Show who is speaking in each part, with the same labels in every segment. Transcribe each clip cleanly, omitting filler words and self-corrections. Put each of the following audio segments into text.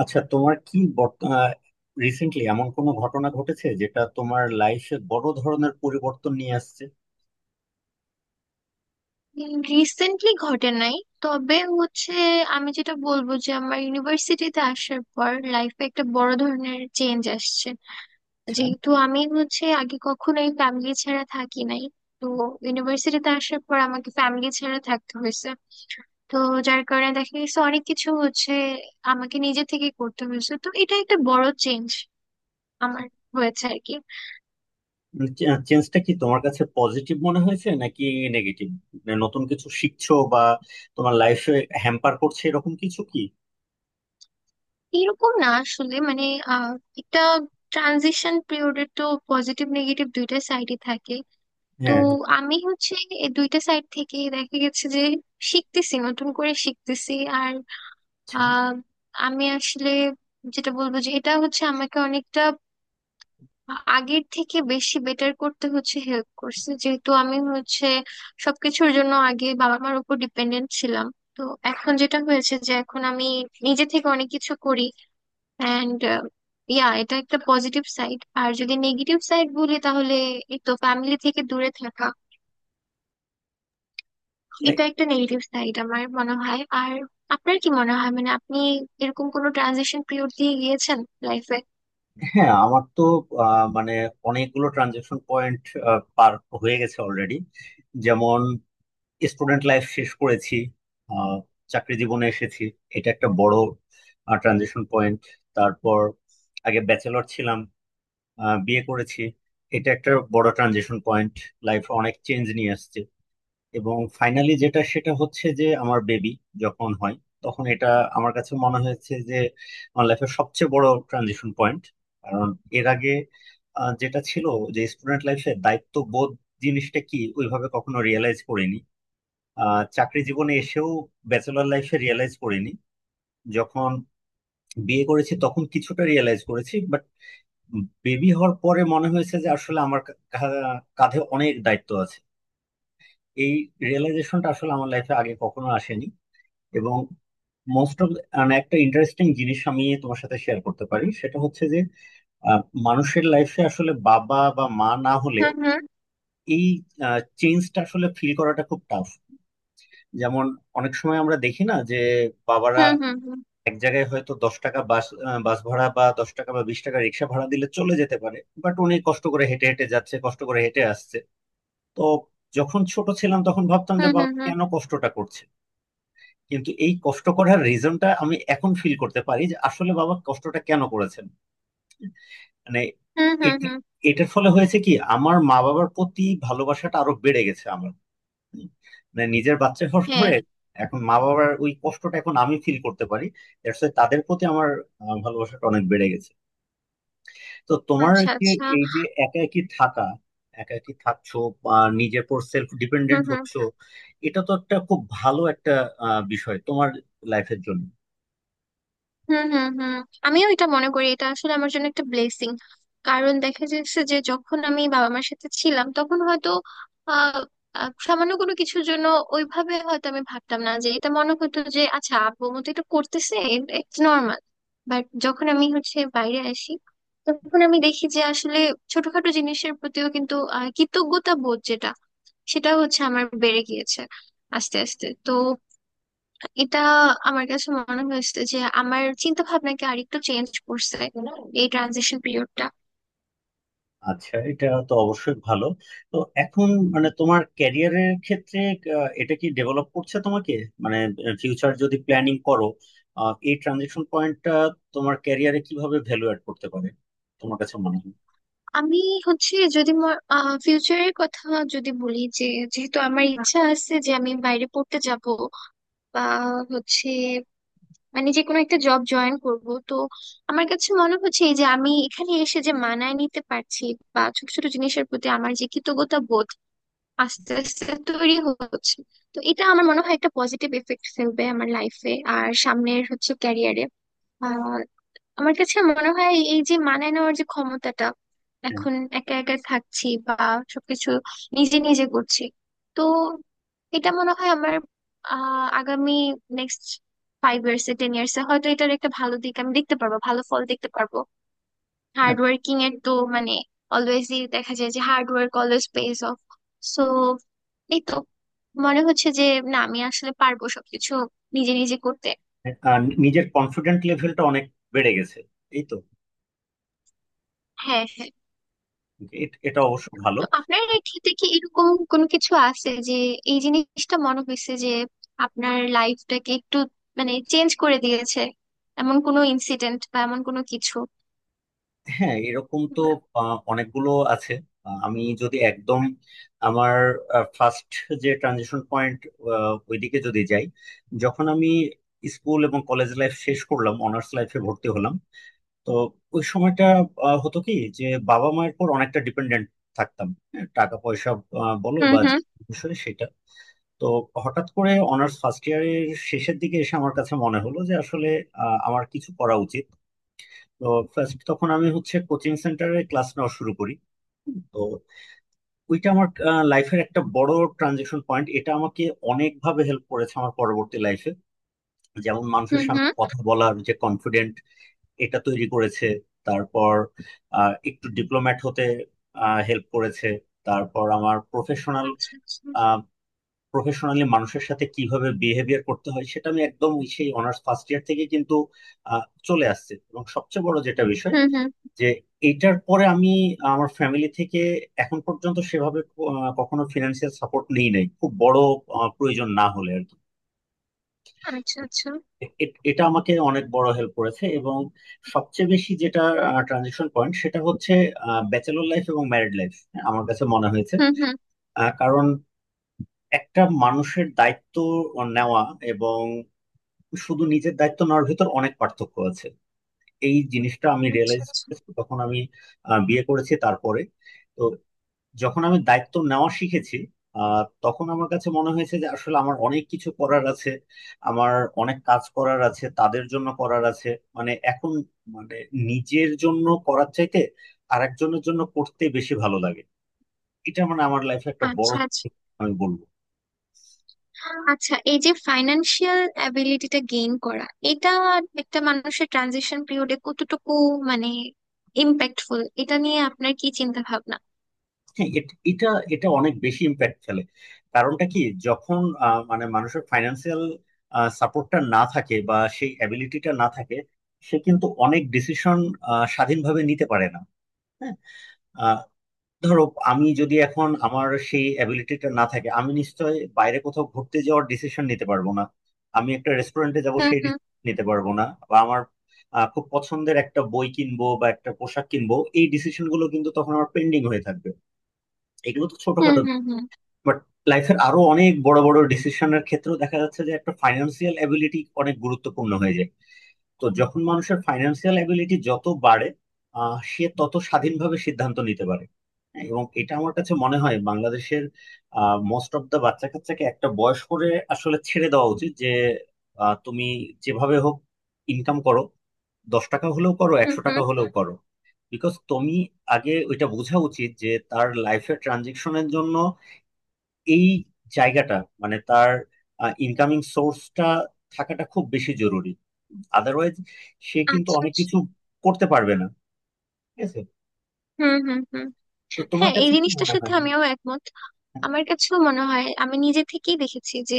Speaker 1: আচ্ছা, তোমার কি রিসেন্টলি এমন কোনো ঘটনা ঘটেছে যেটা তোমার লাইফে বড় ধরনের পরিবর্তন নিয়ে আসছে?
Speaker 2: রিসেন্টলি ঘটে নাই, তবে হচ্ছে আমি যেটা বলবো যে আমার ইউনিভার্সিটিতে আসার পর লাইফে একটা বড় ধরনের চেঞ্জ আসছে, যেহেতু আমি হচ্ছে আগে কখনোই ফ্যামিলি ছাড়া থাকি নাই। তো ইউনিভার্সিটিতে আসার পর আমাকে ফ্যামিলি ছাড়া থাকতে হয়েছে। তো যার কারণে দেখা গেছে অনেক কিছু হচ্ছে আমাকে নিজে থেকে করতে হয়েছে। তো এটা একটা বড় চেঞ্জ আমার হয়েছে আর কি।
Speaker 1: আচ্ছা, চেঞ্জটা কি তোমার কাছে পজিটিভ মনে হয়েছে নাকি নেগেটিভ? নতুন কিছু শিখছো, বা তোমার লাইফে হ্যাম্পার করছে এরকম কিছু কি?
Speaker 2: এরকম না আসলে, মানে আহ একটা ট্রানজিশন পিরিয়ডের তো পজিটিভ নেগেটিভ দুইটা সাইডই থাকে। তো
Speaker 1: হ্যাঁ।
Speaker 2: আমি হচ্ছে এই দুইটা সাইড থেকে দেখা গেছে যে শিখতেছি, নতুন করে শিখতেছি। আর
Speaker 1: আচ্ছা।
Speaker 2: আহ, আমি আসলে যেটা বলবো যে এটা হচ্ছে আমাকে অনেকটা আগের থেকে বেশি বেটার করতে হচ্ছে, হেল্প করছে, যেহেতু আমি হচ্ছে সবকিছুর জন্য আগে বাবা মার উপর ডিপেন্ডেন্ট ছিলাম। তো এখন যেটা হয়েছে যে এখন আমি নিজে থেকে অনেক কিছু করি। অ্যান্ড ইয়া, এটা একটা পজিটিভ সাইড। আর যদি নেগেটিভ সাইড বলি তাহলে এই তো ফ্যামিলি থেকে দূরে থাকা,
Speaker 1: মানে
Speaker 2: এটা একটা নেগেটিভ সাইড আমার মনে হয়। আর আপনার কি মনে হয়, মানে আপনি এরকম কোনো ট্রানজিশন পিরিয়ড দিয়ে গিয়েছেন লাইফে?
Speaker 1: হ্যাঁ, আমার তো মানে অনেকগুলো ট্রানজেকশন পয়েন্ট পার হয়ে গেছে অলরেডি। যেমন স্টুডেন্ট লাইফ শেষ করেছি, আহ, চাকরি জীবনে এসেছি, এটা একটা বড় ট্রানজিশন পয়েন্ট। তারপর আগে ব্যাচেলর ছিলাম, বিয়ে করেছি, এটা একটা বড় ট্রানজিশন পয়েন্ট, লাইফ অনেক চেঞ্জ নিয়ে আসছে। এবং ফাইনালি যেটা, সেটা হচ্ছে যে আমার বেবি যখন হয়, তখন এটা আমার কাছে মনে হয়েছে যে আমার লাইফের সবচেয়ে বড় ট্রানজিশন পয়েন্ট। কারণ এর আগে যেটা ছিল, যে স্টুডেন্ট লাইফে দায়িত্ব বোধ জিনিসটা কি ওইভাবে কখনো রিয়েলাইজ করিনি, চাকরি জীবনে এসেও ব্যাচেলর লাইফে রিয়েলাইজ করিনি, যখন বিয়ে করেছি তখন কিছুটা রিয়েলাইজ করেছি, বাট বেবি হওয়ার পরে মনে হয়েছে যে আসলে আমার কা- কা- কাঁধে অনেক দায়িত্ব আছে। এই রিয়েলাইজেশনটা আসলে আমার লাইফে আগে কখনো আসেনি। এবং মোস্ট অফ, মানে একটা ইন্টারেস্টিং জিনিস আমি তোমার সাথে শেয়ার করতে পারি, সেটা হচ্ছে যে আহ, মানুষের লাইফে আসলে বাবা বা মা না হলে
Speaker 2: হুম
Speaker 1: এই চেঞ্জটা আসলে ফিল করাটা খুব টাফ। যেমন অনেক সময় আমরা দেখি না যে বাবারা
Speaker 2: হুম হুম হুম
Speaker 1: এক জায়গায় হয়তো 10 টাকা বাস বাস ভাড়া বা 10 টাকা বা 20 টাকা রিক্সা ভাড়া দিলে চলে যেতে পারে, বাট উনি কষ্ট করে হেঁটে হেঁটে যাচ্ছে, কষ্ট করে হেঁটে আসছে। তো যখন ছোট ছিলাম তখন ভাবতাম যে
Speaker 2: হুম
Speaker 1: বাবা
Speaker 2: হুম হুম
Speaker 1: কেন কষ্টটা করছে, কিন্তু এই কষ্ট করার রিজনটা আমি এখন ফিল করতে পারি যে আসলে বাবা কষ্টটা কেন করেছেন। মানে
Speaker 2: হুম হুম হুম
Speaker 1: এটা-
Speaker 2: হুম।
Speaker 1: এটার ফলে হয়েছে কি, আমার মা বাবার প্রতি ভালোবাসাটা আরো বেড়ে গেছে আমার, মানে নিজের বাচ্চা হওয়ার
Speaker 2: হ্যাঁ।
Speaker 1: পরে। এখন মা বাবার ওই কষ্টটা এখন আমি ফিল করতে পারি। দ্যাটস ওয়াই তাদের প্রতি আমার ভালোবাসাটা অনেক বেড়ে গেছে। তো তোমার
Speaker 2: আচ্ছা
Speaker 1: কি
Speaker 2: আচ্ছা।
Speaker 1: এই যে একা একই থাকা, একা একই থাকছো বা নিজের পর সেলফ
Speaker 2: হুম
Speaker 1: ডিপেন্ডেন্ট
Speaker 2: হুম
Speaker 1: হচ্ছো, এটা তো একটা খুব ভালো একটা বিষয় তোমার লাইফের জন্য।
Speaker 2: হুম হুম হুম। আমিও এটা মনে করি, এটা আসলে আমার জন্য একটা ব্লেসিং। কারণ দেখা যাচ্ছে যে যখন আমি বাবা মার সাথে ছিলাম তখন হয়তো আহ আহ, সামান্য কোনো কিছুর জন্য ওইভাবে হয়তো আমি ভাবতাম না, যে এটা মনে হতো যে আচ্ছা আব্বু মতো এটা করতেছে, ইটস নর্মাল। বাট যখন আমি হচ্ছে বাইরে আসি তখন আমি দেখি যে আসলে ছোটখাটো জিনিসের প্রতিও কিন্তু কৃতজ্ঞতা বোধ যেটা, সেটা হচ্ছে আমার বেড়ে গিয়েছে আস্তে আস্তে। তো এটা আমার কাছে মনে হয়েছে যে আমার চিন্তা ভাবনাকে আরেকটু চেঞ্জ করছে এই ট্রানজিশন পিরিয়ডটা।
Speaker 1: আচ্ছা, এটা তো অবশ্যই ভালো। তো এখন মানে তোমার ক্যারিয়ারের ক্ষেত্রে এটা কি ডেভেলপ করছে তোমাকে? মানে ফিউচার যদি প্ল্যানিং করো, এই ট্রানজেকশন পয়েন্টটা তোমার ক্যারিয়ারে কিভাবে ভ্যালু অ্যাড করতে পারে তোমার কাছে মনে হয়?
Speaker 2: আমি হচ্ছে যদি ফিউচারের কথা যদি বলি, যে যেহেতু আমার ইচ্ছা আছে যে আমি বাইরে পড়তে যাব বা হচ্ছে মানে যে কোনো একটা জব জয়েন করব, তো আমার কাছে মনে হচ্ছে এই যে আমি এখানে এসে যে মানায় নিতে পারছি বা ছোট ছোট জিনিসের প্রতি আমার যে কৃতজ্ঞতা বোধ আস্তে আস্তে তৈরি হচ্ছে, তো এটা আমার মনে হয় একটা পজিটিভ এফেক্ট ফেলবে আমার লাইফে আর সামনের হচ্ছে ক্যারিয়ারে। আহ আমার কাছে মনে হয় এই যে মানায় নেওয়ার যে ক্ষমতাটা,
Speaker 1: হ্যাঁ।
Speaker 2: এখন একা একা থাকছি বা সবকিছু নিজে নিজে করছি, তো এটা মনে হয় আমার আগামী নেক্সট ফাইভ ইয়ার্স এ টেন ইয়ার্স এ হয়তো এটার একটা ভালো দিক আমি দেখতে পারবো, ভালো ফল দেখতে পারবো।
Speaker 1: হ্যাঁ।
Speaker 2: হার্ড ওয়ার্কিং এর তো মানে অলওয়েজই দেখা যায় যে hard work always pays off. So এই তো মনে হচ্ছে যে না, আমি আসলে পারবো সবকিছু নিজে নিজে করতে।
Speaker 1: হ্যাঁ, আর নিজের কনফিডেন্ট লেভেলটা অনেক বেড়ে গেছে এই তো।
Speaker 2: হ্যাঁ হ্যাঁ।
Speaker 1: এটা অবশ্য ভালো।
Speaker 2: তো আপনার ক্ষেত্রে কি এরকম কোনো কিছু আছে, যে এই জিনিসটা মনে হয়েছে যে আপনার লাইফটাকে একটু মানে চেঞ্জ করে দিয়েছে, এমন কোনো ইনসিডেন্ট বা এমন কোনো কিছু?
Speaker 1: হ্যাঁ, এরকম তো অনেকগুলো আছে। আমি যদি একদম আমার ফার্স্ট যে ট্রানজিশন পয়েন্ট, ওইদিকে যদি যাই, যখন আমি স্কুল এবং কলেজ লাইফ শেষ করলাম, অনার্স লাইফে ভর্তি হলাম, তো ওই সময়টা হতো কি যে বাবা মায়ের পর অনেকটা ডিপেন্ডেন্ট থাকতাম। হ্যাঁ, টাকা পয়সা বলো,
Speaker 2: হুম
Speaker 1: বা যে
Speaker 2: হুম
Speaker 1: বিষয় সেটা। তো হঠাৎ করে অনার্স ফার্স্ট ইয়ারের শেষের দিকে এসে আমার কাছে মনে হলো যে আসলে আমার কিছু করা উচিত। তো first তখন আমি হচ্ছে কোচিং সেন্টারে ক্লাস নেওয়া শুরু করি। তো ওইটা আমার লাইফের একটা বড় ট্রানজেকশন পয়েন্ট, এটা আমাকে অনেকভাবে হেল্প করেছে আমার পরবর্তী লাইফে। যেমন মানুষের
Speaker 2: হুম
Speaker 1: সামনে
Speaker 2: হুম।
Speaker 1: কথা বলার যে কনফিডেন্ট, এটা তৈরি করেছে। তারপর একটু ডিপ্লোম্যাট হতে হেল্প করেছে। তারপর আমার প্রফেশনাল,
Speaker 2: আচ্ছা আচ্ছা।
Speaker 1: প্রফেশনালি মানুষের সাথে কিভাবে বিহেভিয়ার করতে হয় সেটা আমি একদম সেই অনার্স ফার্স্ট ইয়ার থেকে কিন্তু আহ, চলে আসছে। এবং সবচেয়ে বড় যেটা বিষয়
Speaker 2: হুম হুম।
Speaker 1: যে এটার পরে আমি আমার ফ্যামিলি থেকে এখন পর্যন্ত সেভাবে ক- আহ কখনো ফিনান্সিয়াল সাপোর্ট নিই নাই, খুব বড় প্রয়োজন না হলে আর কি।
Speaker 2: আচ্ছা আচ্ছা।
Speaker 1: এটা আমাকে অনেক বড় হেল্প করেছে। এবং সবচেয়ে বেশি যেটা ট্রানজিশন পয়েন্ট, সেটা হচ্ছে ব্যাচেলর লাইফ এবং ম্যারিড লাইফ আমার কাছে মনে হয়েছে।
Speaker 2: হুম হুম।
Speaker 1: কারণ একটা মানুষের দায়িত্ব নেওয়া এবং শুধু নিজের দায়িত্ব নেওয়ার ভিতর অনেক পার্থক্য আছে। এই জিনিসটা আমি
Speaker 2: আচ্ছা
Speaker 1: রিয়েলাইজ
Speaker 2: আচ্ছা।
Speaker 1: করেছি তখন, আমি বিয়ে করেছি তারপরে। তো যখন আমি দায়িত্ব নেওয়া শিখেছি, তখন আমার কাছে মনে হয়েছে যে আসলে আমার অনেক কিছু করার আছে, আমার অনেক কাজ করার আছে, তাদের জন্য করার আছে। মানে এখন, মানে নিজের জন্য করার চাইতে আরেকজনের জন্য করতে বেশি ভালো লাগে। এটা, মানে আমার লাইফে একটা বড়।
Speaker 2: আচ্ছা আচ্ছা।
Speaker 1: আমি বলবো,
Speaker 2: আচ্ছা এই যে ফাইন্যান্সিয়াল অ্যাবিলিটিটা গেইন করা, এটা একটা মানুষের ট্রানজিশন পিরিয়ডে কতটুকু মানে ইম্প্যাক্টফুল, এটা নিয়ে আপনার কি চিন্তা ভাবনা?
Speaker 1: হ্যাঁ এটা, এটা অনেক বেশি ইম্প্যাক্ট ফেলে। কারণটা কি, যখন মানে মানুষের ফাইন্যান্সিয়াল সাপোর্টটা না থাকে বা সেই অ্যাবিলিটিটা না থাকে, সে কিন্তু অনেক ডিসিশন স্বাধীনভাবে নিতে পারে না। হ্যাঁ। আহ, ধরো আমি যদি এখন, আমার সেই অ্যাবিলিটিটা না থাকে, আমি নিশ্চয় বাইরে কোথাও ঘুরতে যাওয়ার ডিসিশন নিতে পারবো না, আমি একটা রেস্টুরেন্টে যাব
Speaker 2: হুম
Speaker 1: সেই
Speaker 2: হুম
Speaker 1: ডিসিশন নিতে পারবো না, বা আমার খুব পছন্দের একটা বই কিনবো বা একটা পোশাক কিনবো, এই ডিসিশন গুলো কিন্তু তখন আমার পেন্ডিং হয়ে থাকবে। এগুলো তো
Speaker 2: হুম
Speaker 1: ছোটখাটো,
Speaker 2: হুম হুম
Speaker 1: বাট লাইফের আরো অনেক বড় বড় ডিসিশনের ক্ষেত্রেও দেখা যাচ্ছে যে একটা ফাইন্যান্সিয়াল অ্যাবিলিটি অনেক গুরুত্বপূর্ণ হয়ে যায়। তো যখন মানুষের ফাইন্যান্সিয়াল অ্যাবিলিটি যত বাড়ে, সে তত স্বাধীনভাবে সিদ্ধান্ত নিতে পারে। হ্যাঁ, এবং এটা আমার কাছে মনে হয় বাংলাদেশের মোস্ট অফ দা বাচ্চা কাচ্চাকে একটা বয়স করে আসলে ছেড়ে দেওয়া উচিত যে তুমি যেভাবে হোক ইনকাম করো, 10 টাকা হলেও করো,
Speaker 2: হুম
Speaker 1: একশো
Speaker 2: হুম।
Speaker 1: টাকা হলেও করো। বিকজ তুমি আগে ওইটা বোঝা উচিত যে তার লাইফের ট্রানজেকশনের জন্য এই জায়গাটা, মানে তার ইনকামিং সোর্সটা থাকাটা খুব বেশি জরুরি। আদারওয়াইজ সে কিন্তু
Speaker 2: আচ্ছা
Speaker 1: অনেক
Speaker 2: আচ্ছা।
Speaker 1: কিছু করতে পারবে না। ঠিক আছে,
Speaker 2: হুম হুম হুম।
Speaker 1: তো তোমার
Speaker 2: হ্যাঁ এই
Speaker 1: কাছে কি
Speaker 2: জিনিসটার
Speaker 1: মনে
Speaker 2: সাথে
Speaker 1: হয়?
Speaker 2: আমিও একমত।
Speaker 1: হ্যাঁ।
Speaker 2: আমার কাছেও মনে হয়, আমি নিজে থেকেই দেখেছি যে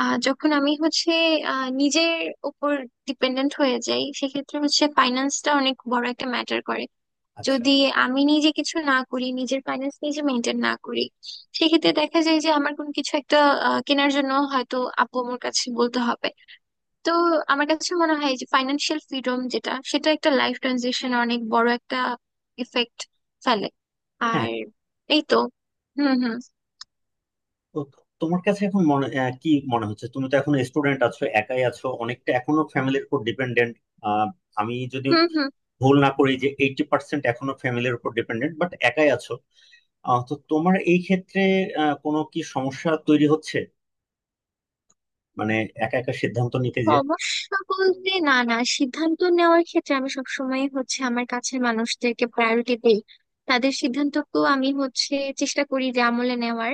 Speaker 2: যখন আমি হচ্ছে নিজের উপর ডিপেন্ডেন্ট হয়ে যাই সেক্ষেত্রে হচ্ছে ফাইন্যান্সটা অনেক বড় একটা ম্যাটার করে।
Speaker 1: আচ্ছা।
Speaker 2: যদি আমি নিজে কিছু না করি, নিজের ফাইন্যান্স নিজে মেনটেন না করি, সেক্ষেত্রে দেখা যায় যে আমার কোনো কিছু একটা কেনার জন্য হয়তো আপু আমার কাছে বলতে হবে। তো আমার কাছে মনে হয় যে ফাইন্যান্সিয়াল ফ্রিডম যেটা, সেটা একটা লাইফ ট্রানজিশন অনেক বড় একটা এফেক্ট ফেলে
Speaker 1: হ্যাঁ।
Speaker 2: আর এই তো। হুম হুম
Speaker 1: তো তোমার কাছে এখন মনে, কি মনে হচ্ছে, তুমি তো এখন স্টুডেন্ট আছো, একাই আছো, অনেকটা এখনো ফ্যামিলির উপর ডিপেন্ডেন্ট। আমি যদি
Speaker 2: হুম হুম।
Speaker 1: ভুল না করি, যে 80% এখনো ফ্যামিলির উপর ডিপেন্ডেন্ট, বাট একাই আছো। তো তোমার এই ক্ষেত্রে কোনো কি সমস্যা তৈরি হচ্ছে, মানে একা একা সিদ্ধান্ত নিতে? যে
Speaker 2: সমস্যা বলতে না না, সিদ্ধান্ত নেওয়ার ক্ষেত্রে আমি সবসময় হচ্ছে আমার কাছের মানুষদেরকে প্রায়োরিটি দেই, তাদের সিদ্ধান্তকেও আমি হচ্ছে চেষ্টা করি যে আমলে নেওয়ার।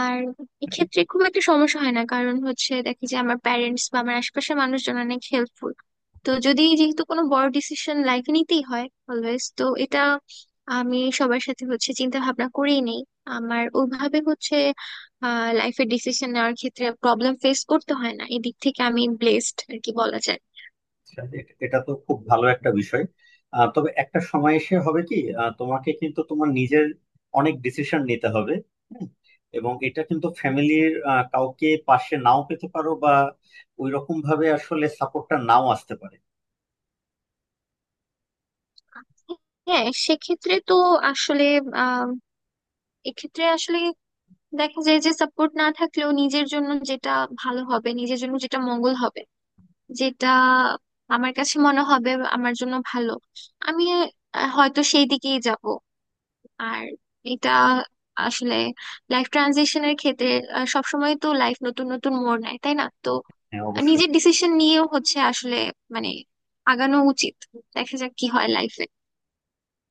Speaker 2: আর এক্ষেত্রে খুব একটা সমস্যা হয় না, কারণ হচ্ছে দেখি যে আমার প্যারেন্টস বা আমার আশেপাশের মানুষজন অনেক হেল্পফুল। তো যদি যেহেতু কোনো বড় ডিসিশন লাইফে নিতেই হয় অলওয়েজ, তো এটা আমি সবার সাথে হচ্ছে চিন্তা ভাবনা করেই নেই। আমার ওইভাবে হচ্ছে লাইফের ডিসিশন নেওয়ার ক্ষেত্রে প্রবলেম ফেস করতে হয় না, এদিক থেকে আমি ব্লেসড আর কি বলা যায়।
Speaker 1: আচ্ছা, এটা তো খুব ভালো একটা বিষয়। তবে একটা সময় এসে হবে কি, তোমাকে কিন্তু তোমার নিজের অনেক ডিসিশন নিতে হবে। হুম, এবং এটা কিন্তু ফ্যামিলির কাউকে পাশে নাও পেতে পারো, বা ওই রকম ভাবে আসলে সাপোর্টটা নাও আসতে পারে।
Speaker 2: হ্যাঁ সেক্ষেত্রে তো আসলে আহ এক্ষেত্রে আসলে দেখা যায় যে সাপোর্ট না থাকলেও নিজের জন্য যেটা ভালো হবে, নিজের জন্য যেটা মঙ্গল হবে, যেটা আমার কাছে মনে হবে আমার জন্য ভালো, আমি হয়তো সেই দিকেই যাব। আর এটা আসলে লাইফ ট্রানজিশনের ক্ষেত্রে সবসময় তো লাইফ নতুন নতুন মোড় নেয় তাই না, তো
Speaker 1: হ্যাঁ, অবশ্যই।
Speaker 2: নিজের ডিসিশন নিয়েও হচ্ছে আসলে মানে আগানো উচিত। দেখা যাক কি হয় লাইফে।